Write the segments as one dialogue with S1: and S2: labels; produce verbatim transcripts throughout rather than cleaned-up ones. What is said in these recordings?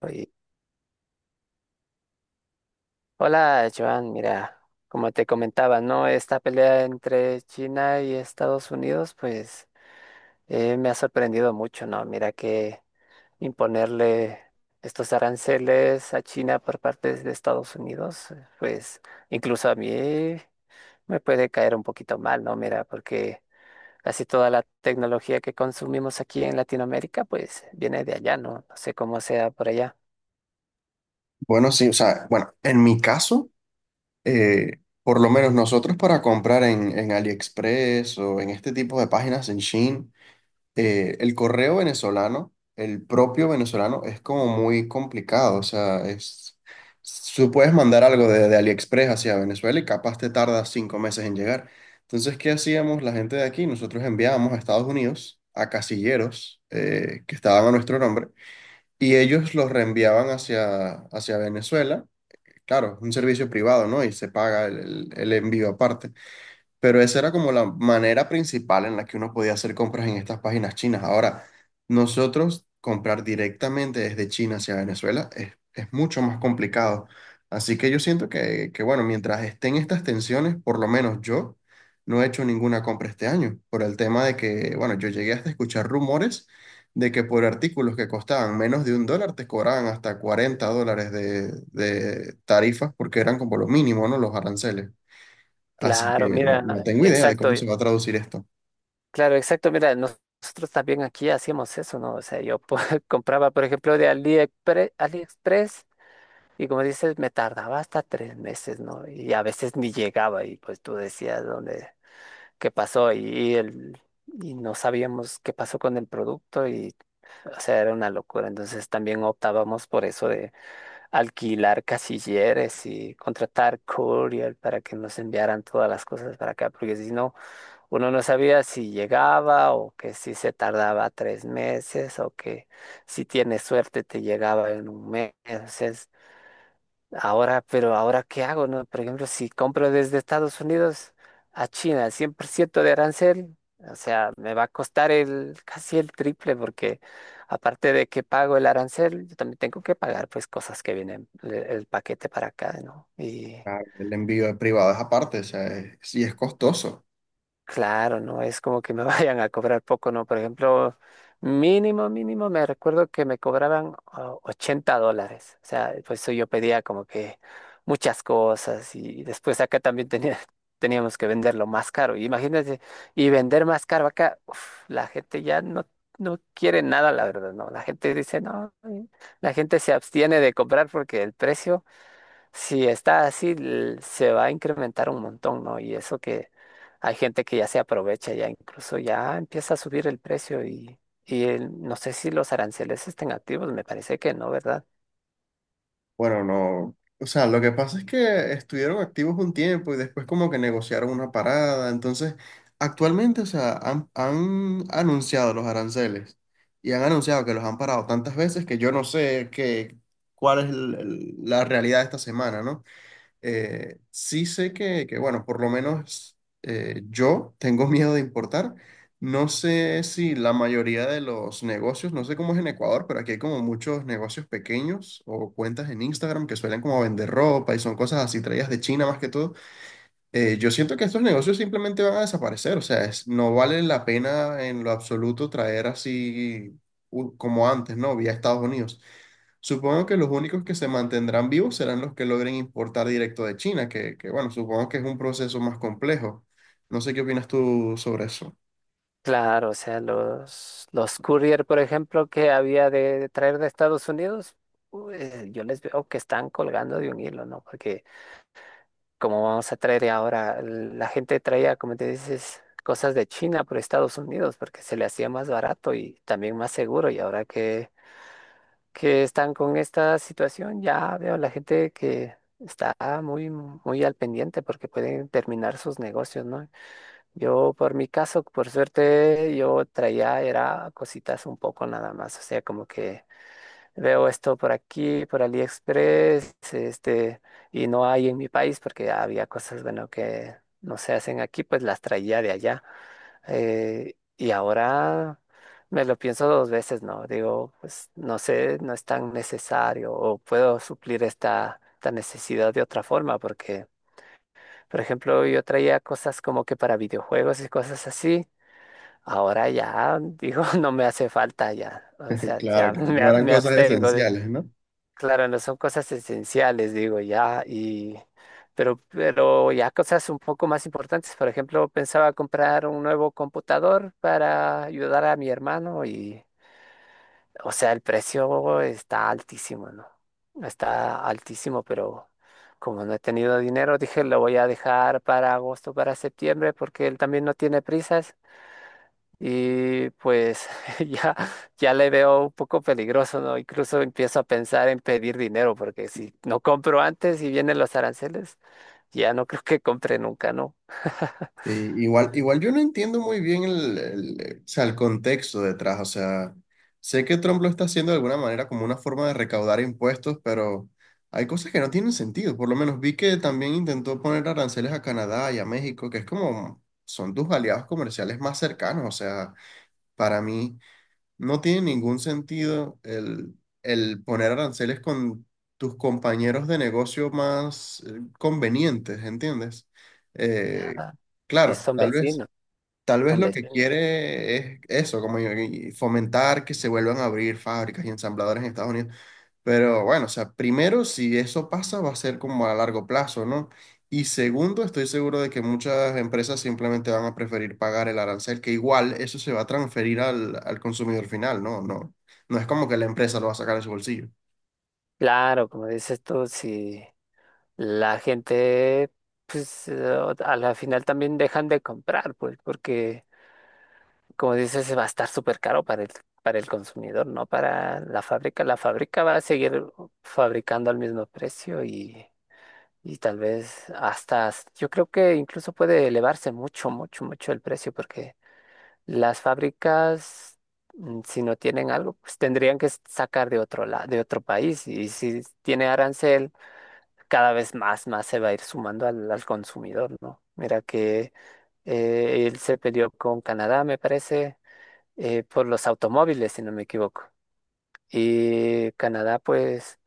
S1: Oye, hola, Joan. Mira, como te comentaba, ¿no? Esta pelea entre China y Estados Unidos, pues eh, me ha sorprendido mucho, ¿no? Mira que imponerle estos aranceles a China por parte de Estados Unidos, pues incluso a mí me puede caer un poquito mal, ¿no? Mira, porque casi toda la tecnología que consumimos aquí en Latinoamérica, pues viene de allá, ¿no? No sé cómo sea por allá.
S2: Bueno, sí, o sea, bueno, en mi caso, eh, por lo menos nosotros para comprar en, en AliExpress o en este tipo de páginas en Shein, eh, el correo venezolano, el propio venezolano, es como muy complicado. O sea, es, tú puedes mandar algo de, de AliExpress hacia Venezuela y capaz te tarda cinco meses en llegar. Entonces, ¿qué hacíamos la gente de aquí? Nosotros enviábamos a Estados Unidos a casilleros eh, que estaban a nuestro nombre y ellos los reenviaban hacia, hacia Venezuela, claro, un servicio privado, ¿no? Y se paga el, el- el envío aparte. Pero esa era como la manera principal en la que uno podía hacer compras en estas páginas chinas. Ahora, nosotros comprar directamente desde China hacia Venezuela es, es mucho más complicado. Así que yo siento que, que, bueno, mientras estén estas tensiones, por lo menos yo no he hecho ninguna compra este año, por el tema de que, bueno, yo llegué hasta escuchar rumores de que por artículos que costaban menos de un dólar te cobraban hasta cuarenta dólares de, de tarifas porque eran como lo mínimo, ¿no? Los aranceles. Así que
S1: Claro,
S2: no, no
S1: mira,
S2: tengo idea de
S1: exacto.
S2: cómo se va a traducir esto.
S1: Claro, exacto. Mira, nos- nosotros también aquí hacíamos eso, ¿no? O sea, yo po- compraba, por ejemplo, de AliExpre- AliExpress, y como dices, me tardaba hasta tres meses, ¿no? Y a veces ni llegaba y pues tú decías dónde, qué pasó y, y el, y no sabíamos qué pasó con el producto y, o sea, era una locura. Entonces también optábamos por eso de alquilar casilleres y contratar courier para que nos enviaran todas las cosas para acá, porque si no... Uno no sabía si llegaba o que si se tardaba tres meses o que si tienes suerte te llegaba en un mes. Es- Ahora, pero ahora ¿qué hago, no? Por ejemplo, si compro desde Estados Unidos a China, cien por ciento de arancel, o sea, me va a costar el casi el triple porque aparte de que pago el arancel, yo también tengo que pagar pues cosas que vienen el, el paquete para acá, ¿no?
S2: Ah, el envío privado es aparte, o sea, es- sí es costoso.
S1: Claro, no es como que me vayan a cobrar poco, ¿no? Por ejemplo, mínimo, mínimo, me recuerdo que me cobraban ah, ochenta dólares. O sea, pues eso yo pedía como que muchas cosas y después acá también tenía, teníamos que venderlo más caro. Imagínate, y vender más caro acá, uf, la gente ya no, no quiere nada, la verdad, ¿no? La gente dice, no, eh, la gente se abstiene de comprar porque el precio... Si está así, l- se va a incrementar un montón, ¿no? Y eso que hay gente que ya se aprovecha, ya incluso ya empieza a subir el precio y, y el- no sé si los aranceles estén activos, me parece que no, ¿verdad?
S2: Bueno, no. O sea, lo que pasa es que estuvieron activos un tiempo y después como que negociaron una parada. Entonces, actualmente, o sea, han, han anunciado los aranceles y han anunciado que los han parado tantas veces que yo no sé qué, cuál es el- el- la realidad de esta semana, ¿no? Eh, sí sé que, que, bueno, por lo menos eh, yo tengo miedo de importar. No sé si la mayoría de los negocios, no sé cómo es en Ecuador, pero aquí hay como muchos negocios pequeños o cuentas en Instagram que suelen como vender ropa y son cosas así traídas de China más que todo. Eh, yo siento que estos negocios simplemente van a desaparecer, o sea, es- no vale la pena en lo absoluto traer así u- como antes, ¿no? Vía Estados Unidos. Supongo que los únicos que se mantendrán vivos serán los que logren importar directo de China, que, que, bueno, supongo que es un proceso más complejo. No sé qué opinas tú sobre eso.
S1: Claro, o sea, los, los courier, por ejemplo, que había de, de traer de Estados Unidos, u- eh, yo les veo que están colgando de un hilo, ¿no? Porque como vamos a traer ahora, la gente traía, como te dices, cosas de China por Estados Unidos porque se le hacía más barato y también más seguro. Y ahora que, que están con esta situación, ya veo la gente que está muy, muy al pendiente porque pueden terminar sus negocios, ¿no? Yo, por mi caso, por suerte, yo traía, era cositas un poco nada más, o sea, como que... Veo esto por aquí, por AliExpress, este, y no hay en mi país porque había cosas, bueno, que no se hacen aquí, pues las traía de allá. Eh, y ahora me lo pienso dos veces, ¿no? Digo, pues no sé, no es tan necesario o puedo suplir esta, esta necesidad de otra forma porque, por ejemplo, yo traía cosas como que para videojuegos y cosas así. Ahora ya digo, no me hace falta ya, o sea,
S2: Claro,
S1: ya
S2: claro,
S1: me,
S2: no
S1: a-
S2: eran
S1: me
S2: cosas
S1: abstengo.
S2: esenciales, ¿no?
S1: Claro, no son cosas esenciales, digo, ya, y pero, pero ya cosas un poco más importantes. Por ejemplo, pensaba comprar un nuevo computador para ayudar a mi hermano y, o sea, el precio está altísimo, ¿no? Está altísimo, pero como no he tenido dinero, dije, lo voy a dejar para agosto, para septiembre, porque él también no tiene prisas. Y pues ya, ya le veo un poco peligroso, ¿no? Incluso empiezo a pensar en pedir dinero, porque si no compro antes y vienen los aranceles, ya no creo que compre nunca, ¿no?
S2: Sí, igual, igual yo no entiendo muy bien el, el- o sea, el contexto detrás, o sea, sé que Trump lo está haciendo de alguna manera como una forma de recaudar impuestos, pero hay cosas que no tienen sentido, por lo menos vi que también intentó poner aranceles a Canadá y a México, que es como, son tus aliados comerciales más cercanos, o sea, para mí no tiene ningún sentido el, el poner aranceles con tus compañeros de negocio más eh, convenientes, ¿entiendes? Eh,
S1: Ah, y
S2: claro,
S1: son
S2: tal vez.
S1: vecinos,
S2: Tal vez
S1: son
S2: lo que
S1: vecinos.
S2: quiere es eso, como y- y fomentar que se vuelvan a abrir fábricas y ensambladores en Estados Unidos. Pero bueno, o sea, primero, si eso pasa, va a ser como a largo plazo, ¿no? Y segundo, estoy seguro de que muchas empresas simplemente van a preferir pagar el arancel, que igual eso se va a transferir al, al consumidor final, ¿no? No, no es como que la empresa lo va a sacar de su bolsillo.
S1: Claro, como dices tú, si la gente, pues eh, a la final también dejan de comprar, pues porque como dices, va a estar súper caro para el, para el consumidor, no para la fábrica. La fábrica va a seguir fabricando al mismo precio y, y tal vez hasta, s- yo creo que incluso puede elevarse mucho, mucho, mucho el precio porque las fábricas, mm, si no tienen algo, pues tendrían que s- sacar de otro la- de otro país y si tiene arancel, cada vez más, más se va a ir sumando al, al consumidor, ¿no? Mira que eh, él se peleó con Canadá, me parece eh, por los automóviles, si no me equivoco. Y Canadá, pues,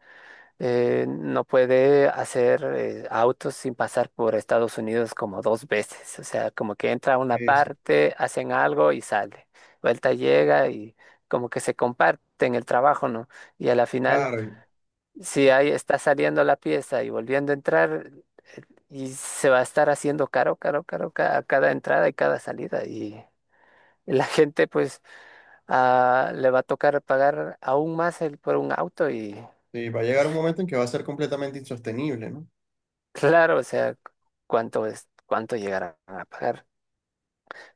S1: eh, no puede hacer eh, autos sin pasar por Estados Unidos como dos veces. O sea, como que entra a una
S2: Sí, sí,
S1: parte, hacen algo y sale. Vuelta llega y como que se comparten el trabajo, ¿no? Y a la final,
S2: claro,
S1: si ahí está saliendo la pieza y volviendo a entrar, eh, y se va a estar haciendo caro, caro, caro ca- a cada entrada y cada salida. Y la gente, pues ah, le va a tocar pagar aún más el, por un auto y
S2: sí, va a llegar un momento en que va a ser completamente insostenible, ¿no?
S1: claro, o sea, cuánto es, cuánto llegarán a pagar.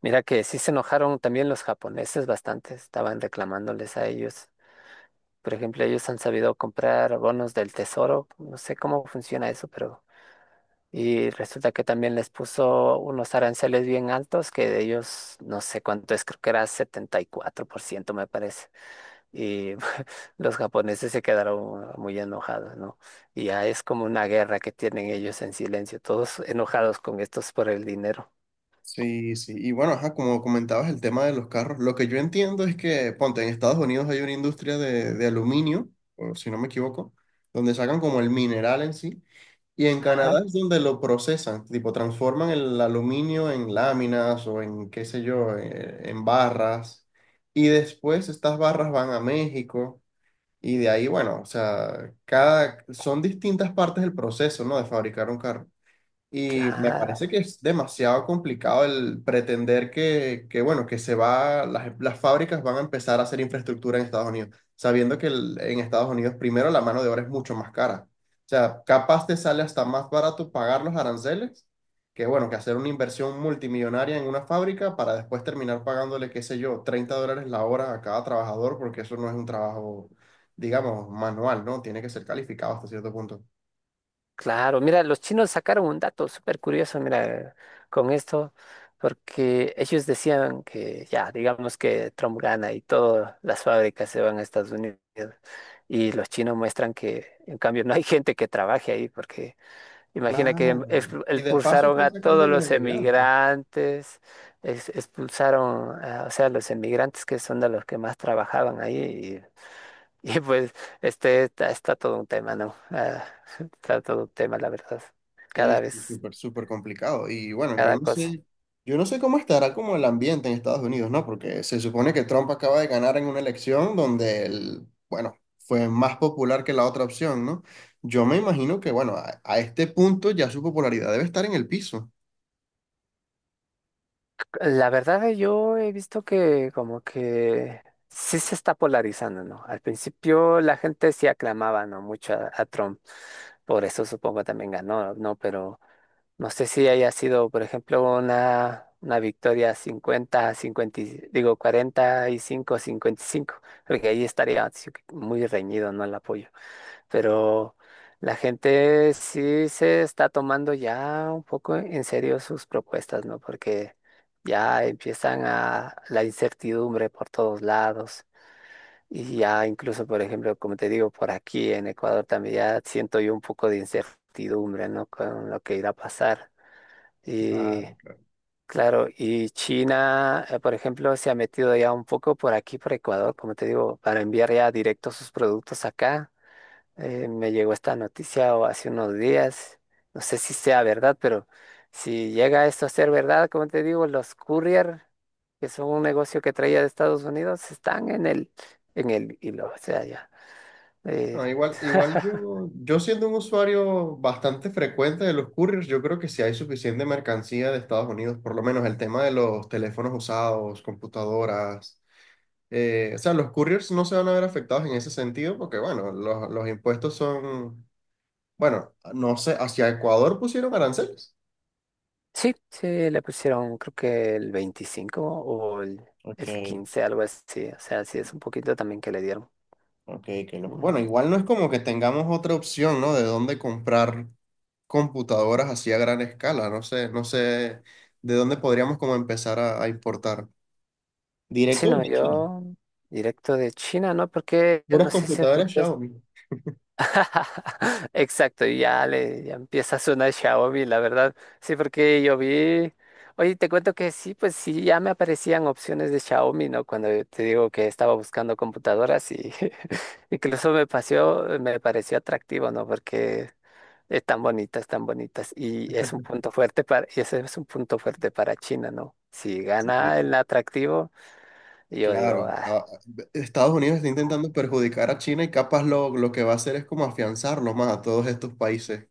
S1: Mira que sí se enojaron también los japoneses bastante, estaban reclamándoles a ellos. Por ejemplo, ellos han sabido comprar bonos del tesoro, no sé cómo funciona eso, pero y resulta que también les puso unos aranceles bien altos que de ellos no sé cuánto es, creo que era setenta y cuatro por ciento me parece. Y los japoneses se quedaron muy enojados, ¿no? Y ya es como una guerra que tienen ellos en silencio, todos enojados con estos por el dinero.
S2: Sí, sí. Y bueno, ajá, como comentabas el tema de los carros, lo que yo entiendo es que, ponte, en Estados Unidos hay una industria de, de aluminio, o si no me equivoco, donde sacan como el mineral en sí. Y en
S1: Ajá,
S2: Canadá es donde lo procesan, tipo transforman el aluminio en láminas o en qué sé yo, eh, en barras. Y después estas barras van a México y de ahí, bueno, o sea, cada, son distintas partes del proceso, ¿no? De fabricar un carro. Y me
S1: claro,
S2: parece que es demasiado complicado el pretender que, que, bueno, que se va, las, las fábricas van a empezar a hacer infraestructura en Estados Unidos, sabiendo que el- en Estados Unidos primero la mano de obra es mucho más cara. O sea, capaz te sale hasta más barato pagar los aranceles que, bueno, que hacer una inversión multimillonaria en una fábrica para después terminar pagándole, qué sé yo, treinta dólares la hora a cada trabajador, porque eso no es un trabajo, digamos, manual, ¿no? Tiene que ser calificado hasta cierto punto.
S1: claro. Mira, los chinos sacaron un dato súper curioso, mira, con esto, porque ellos decían que ya, digamos que Trump gana y todas las fábricas se van a Estados Unidos. Y los chinos muestran que, en cambio, no hay gente que trabaje ahí porque imagina que ex-
S2: Claro. Y de paso
S1: expulsaron
S2: están
S1: a
S2: sacando a
S1: todos
S2: los
S1: los
S2: emigrantes.
S1: emigrantes, ex- expulsaron, a, o sea, los emigrantes que son de los que más trabajaban ahí. Y, y, pues este está, está todo un tema, ¿no? Ah, está todo un tema, la verdad.
S2: Sí,
S1: Cada
S2: sí,
S1: vez,
S2: súper, súper complicado. Y bueno, yo
S1: cada
S2: no
S1: cosa.
S2: sé, yo no sé cómo estará como el ambiente en Estados Unidos, ¿no? Porque se supone que Trump acaba de ganar en una elección donde él, bueno, fue más popular que la otra opción, ¿no? Yo me imagino que, bueno, a, a este punto ya su popularidad debe estar en el piso.
S1: La verdad, eh, yo he visto que como que sí se está polarizando, ¿no? Al principio la gente sí aclamaba, ¿no? Mucho a, a Trump. Por eso supongo también ganó, ¿no? Pero no sé si haya sido, por ejemplo, una, una victoria cincuenta, cincuenta, y- digo cuarenta y cinco a cincuenta y cinco, porque ahí estaría sí que muy reñido, ¿no? El apoyo. Pero la gente sí se está tomando ya un poco en serio sus propuestas, ¿no? Porque ya empiezan a la incertidumbre por todos lados. Y ya incluso, por ejemplo, como te digo, por aquí en Ecuador también ya siento yo un poco de incertidumbre, ¿no? Con lo que irá a pasar. Y
S2: Claro, claro.
S1: claro, y China, eh, por ejemplo, se ha metido ya un poco por aquí, por Ecuador, como te digo, para enviar ya directo sus productos acá. Eh, me llegó esta noticia o hace unos días, no sé si sea verdad, pero si llega esto a ser verdad, como te digo, los courier, que son un negocio que traía de Estados Unidos, están en el, en el hilo, o sea, ya. eh,
S2: No, igual, igual yo, yo siendo un usuario bastante frecuente de los couriers, yo creo que si hay suficiente mercancía de Estados Unidos, por lo menos el tema de los teléfonos usados, computadoras, eh, o sea, los couriers no se van a ver afectados en ese sentido porque, bueno, los, los impuestos son, bueno, no sé, hacia Ecuador pusieron aranceles.
S1: Sí, sí, le pusieron creo que el veinticinco o el,
S2: Ok,
S1: el quince, algo así. O sea, sí es un poquito también que le dieron.
S2: ok, qué loco.
S1: Mm.
S2: Bueno, igual no es como que tengamos otra opción, ¿no? De dónde comprar computadoras así a gran escala. No sé, no sé de dónde podríamos como empezar a, a importar.
S1: Sí,
S2: Directo
S1: no,
S2: desde China.
S1: yo directo de China, ¿no? Porque
S2: Puras
S1: no sé si
S2: computadoras
S1: escuchas.
S2: Xiaomi.
S1: Exacto, y ya le ya empieza a sonar Xiaomi, la verdad. Sí, porque yo vi. Oye, te cuento que sí, pues sí, ya me aparecían opciones de Xiaomi, ¿no? Cuando te digo que estaba buscando computadoras y incluso me pareció, me pareció atractivo, ¿no? Porque están bonitas, están bonitas. Y es un punto fuerte para, y ese es un punto fuerte para China, ¿no? Si
S2: Sí.
S1: gana el atractivo, yo digo,
S2: Claro,
S1: ah,
S2: a- Estados Unidos está
S1: ¿cómo?
S2: intentando perjudicar a China y capaz lo, lo que va a hacer es como afianzarlo más a todos estos países,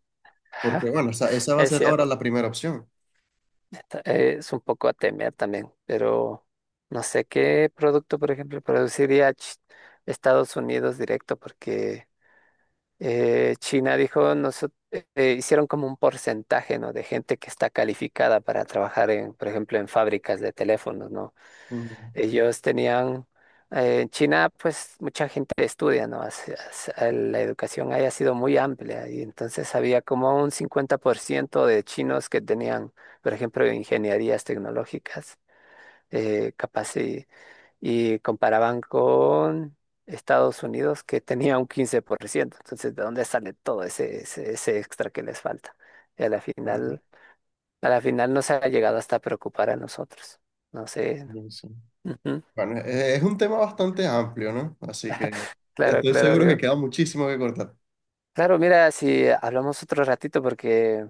S2: porque bueno, esa, esa va a
S1: Es
S2: ser ahora
S1: cierto,
S2: la primera opción.
S1: está- es un poco a temer también, pero no sé qué producto, por ejemplo, produciría Ch- Estados Unidos directo, porque eh, China dijo, nosotros hicieron como un porcentaje, ¿no? De gente que está calificada para trabajar en, por ejemplo, en fábricas de teléfonos, ¿no?
S2: Mm,
S1: Ellos tenían, eh, en China pues mucha gente estudia, ¿no? Hace- hace- La educación haya sido muy amplia y entonces había como un cincuenta por ciento de chinos que tenían, por ejemplo, ingenierías tecnológicas, eh, capaz y, y comparaban con Estados Unidos que tenía un quince por ciento. Entonces, ¿de dónde sale todo ese, ese, ese extra que les falta? Y a la
S2: claro,
S1: final, a la final nos ha llegado hasta preocupar a nosotros. No sé.
S2: yo sí.
S1: Ujú.
S2: Bueno, e- es, un tema bastante amplio, ¿no? Así que
S1: Claro,
S2: estoy seguro que
S1: claro.
S2: queda muchísimo que cortar.
S1: Claro, mira, si hablamos otro ratito, porque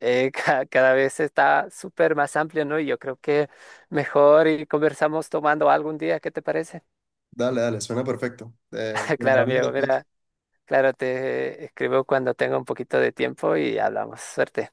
S1: eh, ca- cada vez está súper más amplio, ¿no? Y yo creo que mejor y conversamos tomando algún día, ¿qué te parece?
S2: Dale, dale, suena perfecto. Eh,
S1: Claro,
S2: cuadramos
S1: amigo,
S2: después.
S1: mira, claro, te escribo cuando tenga un poquito de tiempo y hablamos. Suerte.